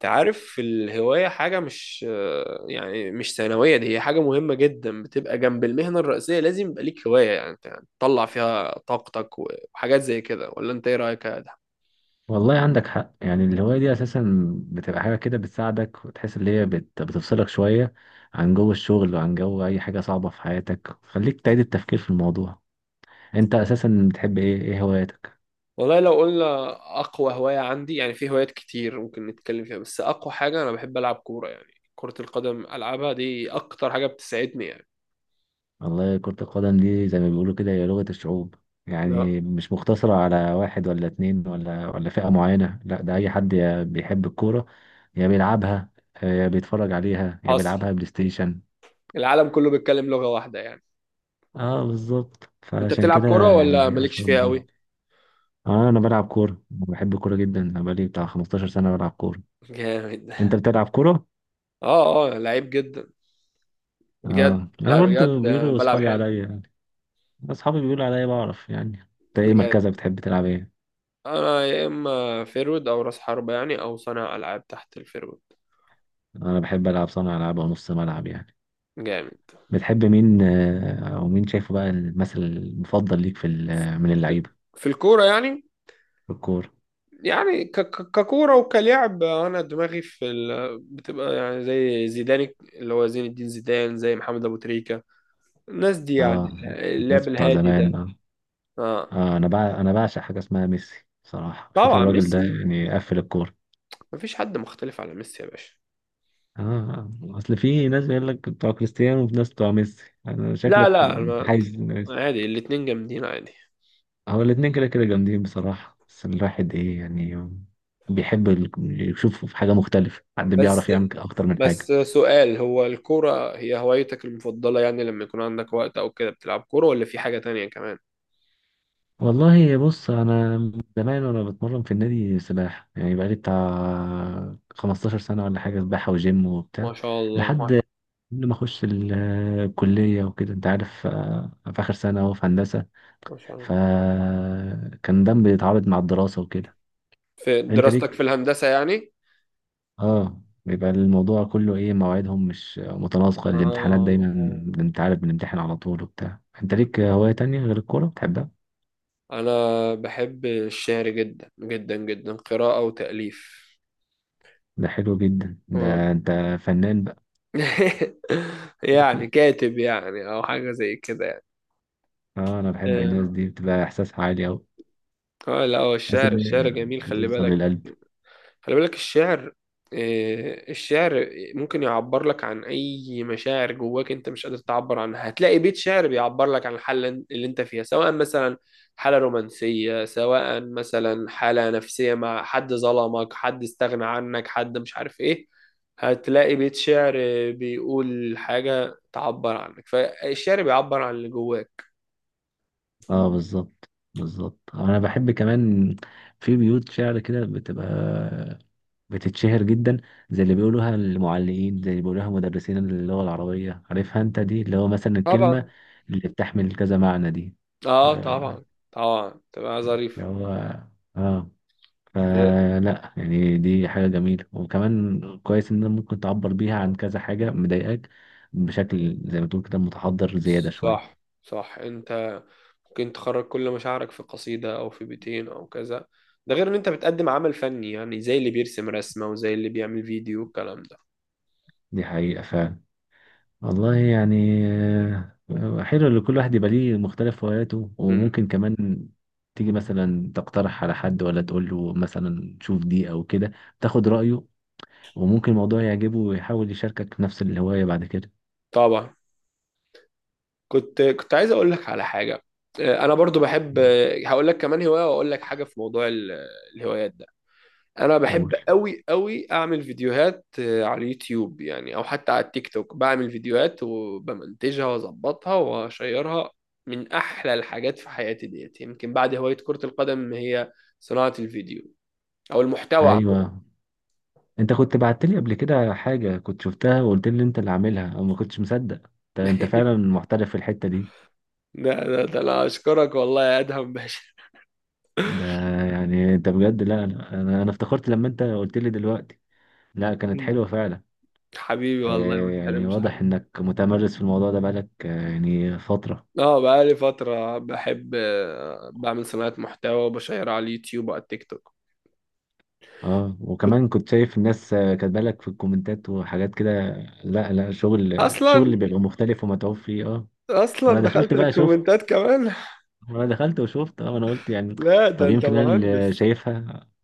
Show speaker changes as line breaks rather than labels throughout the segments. تعرف الهواية حاجة مش، يعني مش ثانوية. دي هي حاجة مهمة جدا، بتبقى جنب المهنة الرئيسية. لازم يبقى ليك هواية، يعني أنت تطلع فيها طاقتك وحاجات زي كده. ولا انت ايه رأيك يا ادهم؟
والله عندك حق، يعني الهواية دي أساسا بتبقى حاجة كده بتساعدك وتحس إن هي بتفصلك شوية عن جو الشغل وعن جو أي حاجة صعبة في حياتك، خليك تعيد التفكير في الموضوع. أنت أساسا بتحب إيه هواياتك؟
والله لو قلنا أقوى هواية عندي، يعني في هوايات كتير ممكن نتكلم فيها، بس أقوى حاجة أنا بحب ألعب كورة، يعني كرة القدم. ألعبها دي أكتر حاجة بتسعدني يعني.
والله كرة القدم دي زي ما بيقولوا كده هي لغة الشعوب،
لا،
يعني مش مقتصرة على واحد ولا اتنين ولا فئة معينة، لا ده أي حد يا بيحب الكورة يا بيلعبها. يا بيتفرج عليها يا
حصل.
بيلعبها بلاي ستيشن.
العالم كله بيتكلم لغة واحدة يعني.
اه بالظبط،
أنت
فعشان
بتلعب
كده
كورة ولا
يعني
مالكش
أشهر.
فيها أوي؟
اه انا بلعب كوره، بحب الكوره جدا، انا بقالي بتاع 15 سنه بلعب كوره.
جامد.
انت بتلعب كوره؟
اه اه، لعيب جدا، بجد.
اه انا
لا بجد،
برضه بيقولوا
بلعب
اصحابي
حلو.
عليا يعني، اصحابي بيقولوا عليا بعرف يعني. انت ايه مركزك؟
جامد.
بتحب تلعب ايه؟
انا يا اما فيرود او راس حربة، يعني او صانع العاب تحت الفيرود.
انا بحب العب صانع العاب او نص ملعب يعني.
جامد.
بتحب مين او مين شايفه بقى المثل المفضل ليك في من
في
اللعيبه
في الكورة يعني.
في الكوره؟
يعني ككورة وكلعب، انا دماغي بتبقى يعني زي زيدان، اللي هو زين الدين زيدان، زي محمد ابو تريكة. الناس دي يعني.
اه الناس
اللعب
بتوع
الهادي
زمان،
ده. اه
آه انا بقى انا بعشق حاجه اسمها ميسي صراحه، شوف
طبعا
الراجل ده
ميسي.
يعني قفل الكوره.
مفيش حد مختلف على ميسي يا باشا.
اه اصل في ناس بيقول لك بتوع كريستيانو وفي ناس بتوع ميسي، انا
لا
شكلك
لا،
حايز ميسي.
عادي، الاتنين جامدين عادي.
هو الاتنين كده كده جامدين بصراحة، بس الواحد ايه يعني، بيحب يشوف حاجة مختلفة، حد
بس
بيعرف يعمل اكتر من حاجة.
بس سؤال، هو الكورة هي هوايتك المفضلة؟ يعني لما يكون عندك وقت أو كده بتلعب كورة ولا في حاجة تانية كمان؟
والله بص، انا من زمان وانا بتمرن في النادي سباحة يعني، بقالي بتاع 15 سنة ولا حاجة سباحة وجيم وبتاع،
ما شاء
لحد
الله.
قبل ما اخش الكلية وكده انت عارف. في اخر سنة اهو في هندسة،
ما شاء الله.
فكان ده بيتعارض مع الدراسة وكده.
في
انت
دراستك
ليك،
في الهندسة يعني؟
اه بيبقى الموضوع كله ايه، مواعيدهم مش متناسقة، الامتحانات دايما،
آه،
انت عارف بنمتحن على طول وبتاع. انت ليك هواية تانية غير الكورة بتحبها؟
أنا بحب الشعر جدا جدا جدا، قراءة وتأليف.
ده حلو جدا، ده
آه.
انت فنان بقى.
يعني كاتب يعني، أو حاجة زي كده يعني.
اه انا بحب الناس
آه.
دي، بتبقى احساسها عالي اوي،
آه، لا هو
تحس
الشعر،
ان
الشعر
هي
جميل. خلي
بتوصل
بالك.
للقلب.
خلي بالك الشعر. آه، الشعر ممكن يعبر لك عن أي مشاعر جواك أنت مش قادر تعبر عنها. هتلاقي بيت شعر بيعبر لك عن الحالة اللي أنت فيها، سواء مثلا حالة رومانسية، سواء مثلا حالة نفسية مع حد ظلمك، حد استغنى عنك، حد مش عارف إيه. هتلاقي بيت شعر بيقول حاجة تعبر عنك. فالشعر بيعبر عن اللي جواك.
اه بالظبط، بالظبط، انا بحب كمان في بيوت شعر كده بتبقى بتتشهر جدا، زي اللي بيقولوها المعلقين، زي اللي بيقولوها مدرسين اللغة العربية، عارفها انت دي، اللي هو مثلا الكلمة
طبعا.
اللي بتحمل كذا معنى دي.
اه
اللي
طبعا. طبعا تبقى ظريف.
هو اه، فلا يعني دي حاجة جميلة، وكمان كويس ان أنا ممكن تعبر بيها عن كذا حاجة مضايقاك بشكل زي ما تقول كده متحضر زيادة
صح
شوية.
صح. انت ممكن تخرج كل مشاعرك في قصيدة او في بيتين او كذا. ده غير ان انت بتقدم عمل فني، يعني زي اللي بيرسم رسمة وزي اللي بيعمل فيديو والكلام ده.
دي حقيقة والله، يعني حلو ان كل واحد يبقى ليه مختلف هواياته،
امم.
وممكن كمان تيجي مثلا تقترح على حد ولا تقول له مثلا شوف دي او كده، تاخد رأيه، وممكن الموضوع يعجبه ويحاول يشاركك نفس الهواية بعد كده.
طبعا. كنت عايز اقول لك على حاجة. اه، انا برضو بحب، اه، هقول لك كمان هواية واقول لك حاجة في موضوع الهوايات ده. انا
قول.
بحب قوي قوي اعمل فيديوهات، آه، على اليوتيوب يعني، او حتى على التيك توك. بعمل فيديوهات وبمنتجها واظبطها واشيرها. من احلى الحاجات في حياتي ديت، يمكن بعد هواية كرة القدم، هي صناعة الفيديو او المحتوى عموما.
ايوه، انت كنت بعت لي قبل كده حاجة كنت شفتها، وقلت لي انت اللي عاملها او ما كنتش مصدق، انت فعلا محترف في الحتة دي.
ده انا اشكرك والله يا ادهم باشا.
ده يعني انت بجد، لا لا، انا افتكرت لما انت قلت لي دلوقتي، لا كانت حلوة
مم.
فعلا.
حبيبي والله، ما
يعني
تحرمش
واضح
حبيبي.
انك متمرس في الموضوع ده بقالك يعني فترة.
اه بقالي فترة بحب، آه، بعمل صناعة محتوى وبشيرها على اليوتيوب وعلى التيك توك.
اه
كنت.
وكمان كنت شايف الناس كاتبه لك في الكومنتات وحاجات كده، لا لا، شغل
اصلا،
شغل بيبقى مختلف ومتعوب فيه اه.
اصلا
وانا دخلت
دخلت
بقى شفت،
للكومنتات كمان.
وانا دخلت وشفت اه، انا قلت يعني
لا ده
طب
انت
يمكن انا اللي
مهندس.
شايفها،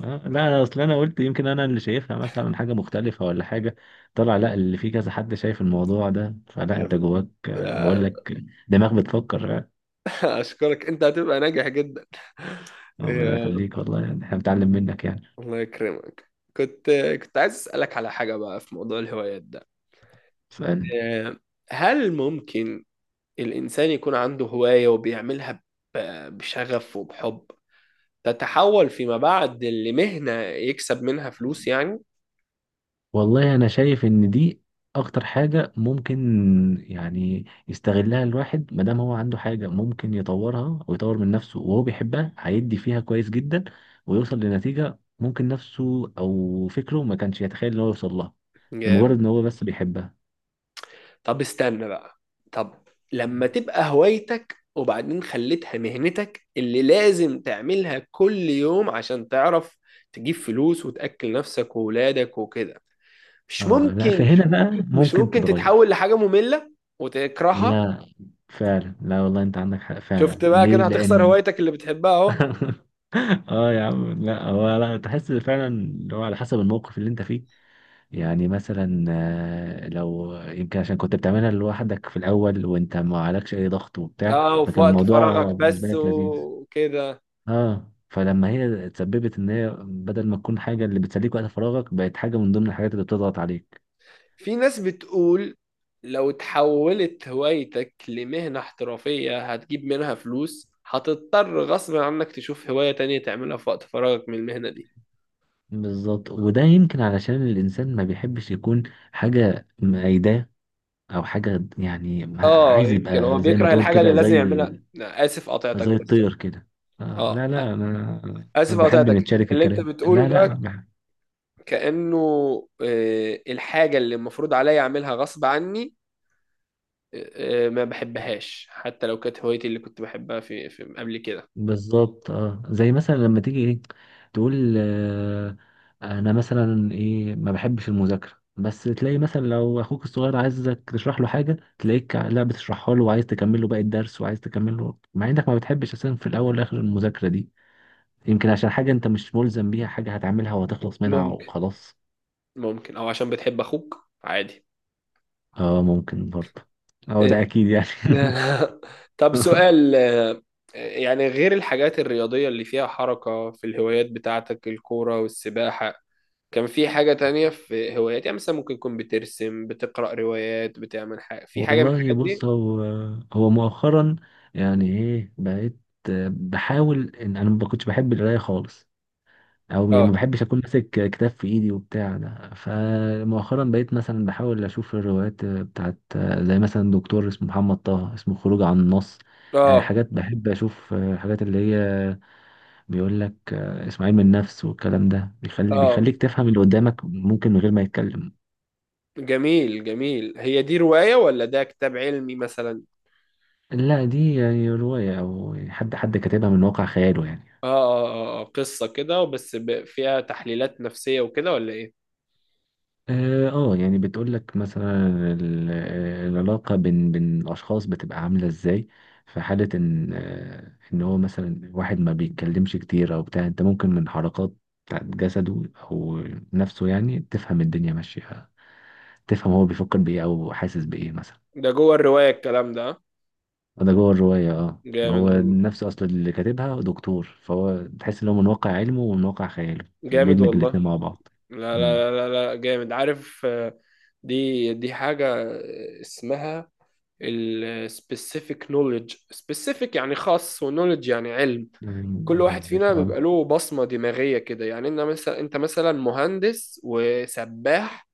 آه لا أنا اصل انا قلت يمكن انا اللي شايفها مثلا حاجة مختلفة ولا حاجة، طلع لا اللي في كذا حد شايف الموضوع ده، فلا انت
كذا.
جواك بقول
آه.
لك دماغ بتفكر
اشكرك. انت هتبقى ناجح جدا.
ربنا
يا
يخليك والله، يعني احنا بنتعلم منك يعني.
الله يكرمك. كنت كنت عايز اسالك على حاجه بقى في موضوع الهوايات ده.
سؤال.
آه، هل ممكن الانسان يكون عنده هوايه وبيعملها بشغف وبحب، تتحول فيما بعد لمهنه يكسب منها فلوس يعني؟
والله انا شايف ان دي اكتر حاجة ممكن يعني يستغلها الواحد، ما دام هو عنده حاجة ممكن يطورها ويطور من نفسه وهو بيحبها، هيدي فيها كويس جدا، ويوصل لنتيجة ممكن نفسه او فكره ما كانش يتخيل ان هو يوصل لها، لمجرد ان هو بس بيحبها.
طب استنى بقى. طب لما تبقى هوايتك وبعدين خليتها مهنتك اللي لازم تعملها كل يوم عشان تعرف تجيب فلوس وتأكل نفسك وولادك وكده، مش
آه لا،
ممكن،
فهنا بقى
مش
ممكن
ممكن
تتغير،
تتحول لحاجة مملة وتكرهها؟
لا فعلا، لا والله انت عندك حق
شفت
فعلا،
بقى؟
ليه؟
كده هتخسر
لان
هوايتك اللي بتحبها اهو.
اه يا عم، لا هو لا، تحس فعلا اللي هو على حسب الموقف اللي انت فيه يعني. مثلا لو يمكن عشان كنت بتعملها لوحدك في الأول وأنت ما عليكش أي ضغط وبتاع،
اه، وفي
فكان
وقت
الموضوع
فراغك
بالنسبة
بس
لك لذيذ.
وكده.
اه فلما هي اتسببت إن هي بدل ما تكون حاجة اللي بتسليك وقت فراغك بقت حاجة من ضمن الحاجات اللي بتضغط عليك.
في ناس بتقول لو اتحولت هوايتك لمهنة احترافية هتجيب منها فلوس، هتضطر غصب عنك تشوف هواية تانية تعملها في وقت فراغك من المهنة دي.
بالظبط، وده يمكن علشان الإنسان ما بيحبش يكون حاجة مأيداه، أو حاجة يعني
اه،
عايز
يمكن هو
يبقى زي ما
بيكره
تقول
الحاجة اللي
كده
لازم
زي
يعملها. لا، آسف قطعتك
زي
بس.
الطير كده. آه
اه،
لا لا، أنا
آسف
بحب
قطعتك
نتشارك
اللي انت
الكلام،
بتقوله
لا
ده.
لا.
كأنه، آه، الحاجة اللي المفروض عليا اعملها غصب عني، آه، آه، ما بحبهاش حتى لو كانت هوايتي اللي كنت بحبها في قبل كده.
بالظبط اه، زي مثلا لما تيجي ايه تقول آه انا مثلا ايه ما بحبش المذاكره، بس تلاقي مثلا لو اخوك الصغير عايزك تشرح له حاجه، تلاقيك لا بتشرحها له وعايز تكمل له باقي الدرس وعايز تكمل له، مع انك ما بتحبش اساسا في الاول والاخر المذاكره دي، يمكن عشان حاجه انت مش ملزم بيها، حاجه هتعملها وهتخلص منها
ممكن.
وخلاص.
ممكن او عشان بتحب اخوك عادي.
اه ممكن برضه، اه ده
إيه.
اكيد يعني.
طب سؤال، آه، يعني غير الحاجات الرياضية اللي فيها حركة في الهوايات بتاعتك، الكورة والسباحة، كان في حاجة تانية في هوايات؟ يعني مثلا ممكن تكون بترسم، بتقرأ روايات، بتعمل حاجة في حاجة من
والله
الحاجات
بص
دي؟
هو، هو مؤخرا يعني ايه، بقيت بحاول، ان انا ما كنتش بحب القرايه خالص، او يعني ما
اه.
بحبش اكون ماسك كتاب في ايدي وبتاع ده، فمؤخرا بقيت مثلا بحاول اشوف الروايات بتاعت زي مثلا دكتور اسمه محمد طه، اسمه خروج عن النص.
اه
حاجات بحب اشوف الحاجات اللي هي بيقول لك اسمه علم النفس والكلام ده، بيخلي
اه.
بيخليك تفهم اللي قدامك ممكن من غير ما يتكلم.
جميل جميل. هي دي رواية ولا ده كتاب علمي مثلا؟
لا دي يعني رواية، أو حد كاتبها من واقع خياله يعني.
اه اه. اه، آه، قصة كده بس فيها تحليلات نفسية وكده، ولا ايه؟
اه يعني بتقول لك مثلا العلاقة بين الأشخاص بتبقى عاملة ازاي في حالة ان ان هو مثلا واحد ما بيتكلمش كتير او بتاع، انت ممكن من حركات بتاعت جسده او نفسه يعني تفهم الدنيا ماشية، تفهم هو بيفكر بايه او حاسس بايه مثلا.
ده جوه الرواية الكلام ده، آه؟
ده جوه الرواية اه، ما
جامد
هو
والله.
نفسه اصلا اللي كاتبها دكتور، فهو تحس ان هو من واقع علمه ومن واقع خياله
جامد
بيدمج
والله.
الاتنين مع بعض.
لا
مم.
لا لا لا لا، جامد، عارف، آه، دي حاجة اسمها ال specific knowledge. specific يعني خاص، و knowledge يعني علم.
يعني،
كل واحد فينا
آه،
بيبقى له بصمة دماغية كده. يعني انت مثلا، انت مثلا مهندس وسباح.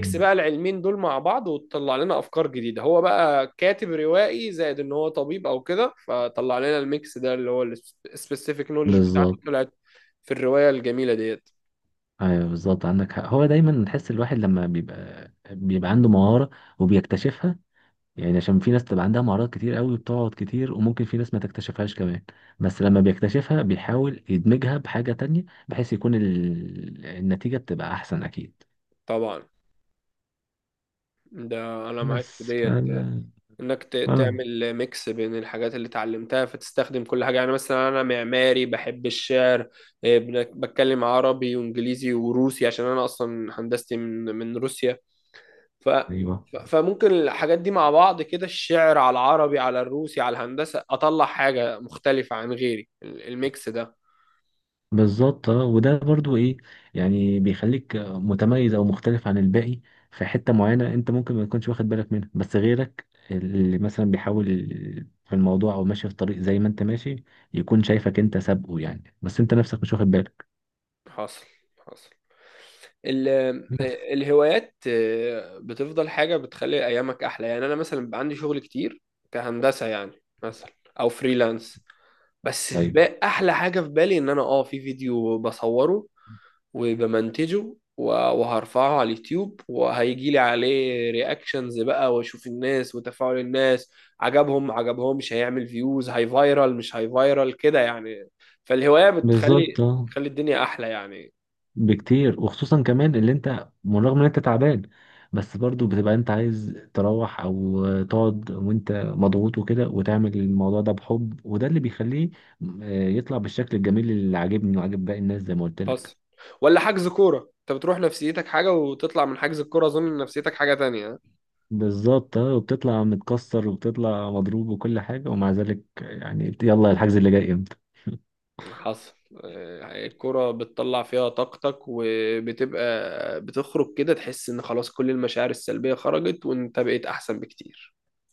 آه.
بقى العلمين دول مع بعض وتطلع لنا افكار جديدة. هو بقى كاتب روائي زائد ان هو طبيب او كده، فطلع لنا الميكس ده اللي هو ال specific knowledge بتاعته
بالظبط.
طلعت في الرواية الجميلة ديت.
ايوه بالظبط عندك حق، هو دايما نحس الواحد لما بيبقى عنده مهارة وبيكتشفها، يعني عشان في ناس تبقى عندها مهارات كتير قوي بتقعد كتير، وممكن في ناس ما تكتشفهاش كمان، بس لما بيكتشفها بيحاول يدمجها بحاجة تانية بحيث يكون النتيجة بتبقى احسن اكيد.
طبعا. ده انا معاك في
بس ف،
ديت، انك
اه
تعمل ميكس بين الحاجات اللي اتعلمتها فتستخدم كل حاجه. يعني مثلا انا معماري بحب الشعر، إيه، بتكلم عربي وانجليزي وروسي عشان انا اصلا هندستي من روسيا. ف
ايوه
فممكن الحاجات دي مع بعض كده، الشعر على العربي على الروسي على الهندسه، اطلع حاجه مختلفه عن غيري، الميكس ده.
بالظبط، اه وده برضو ايه يعني بيخليك متميز او مختلف عن الباقي في حتة معينة، انت ممكن ما تكونش واخد بالك منها، بس غيرك اللي مثلا بيحاول في الموضوع او ماشي في الطريق زي ما انت ماشي، يكون شايفك انت سابقه يعني، بس انت نفسك مش واخد بالك.
حاصل. حاصل. ال-
بس
آه، الهوايات، آه، بتفضل حاجة بتخلي أيامك أحلى. يعني أنا مثلا بيبقى عندي شغل كتير كهندسة يعني، مثلا، أو فريلانس. بس في
ايوه
بقى أحلى حاجة في بالي، إن أنا أه في فيديو بصوره وبمنتجه وهرفعه على اليوتيوب، وهيجي لي عليه رياكشنز بقى، واشوف الناس وتفاعل الناس عجبهم ما عجبهمش، هيعمل فيوز، هاي فايرال مش هاي فايرال كده يعني. فالهواية بتخلي،
بالظبط اه،
تخلي الدنيا أحلى يعني.
بكتير، وخصوصا كمان اللي انت بالرغم ان انت تعبان بس برضو بتبقى انت عايز تروح او تقعد وانت مضغوط وكده وتعمل الموضوع ده بحب، وده اللي بيخليه يطلع بالشكل الجميل اللي عاجبني وعاجب باقي الناس زي ما قلت لك.
حصل. ولا حجز كورة، انت بتروح نفسيتك حاجة وتطلع من حجز الكورة اظن نفسيتك حاجة تانية.
بالظبط اه، وبتطلع متكسر وبتطلع مضروب وكل حاجة، ومع ذلك يعني يلا، الحجز اللي جاي امتى
حصل. آه، الكورة بتطلع فيها طاقتك وبتبقى بتخرج كده، تحس ان خلاص كل المشاعر السلبية خرجت وانت بقيت احسن بكتير.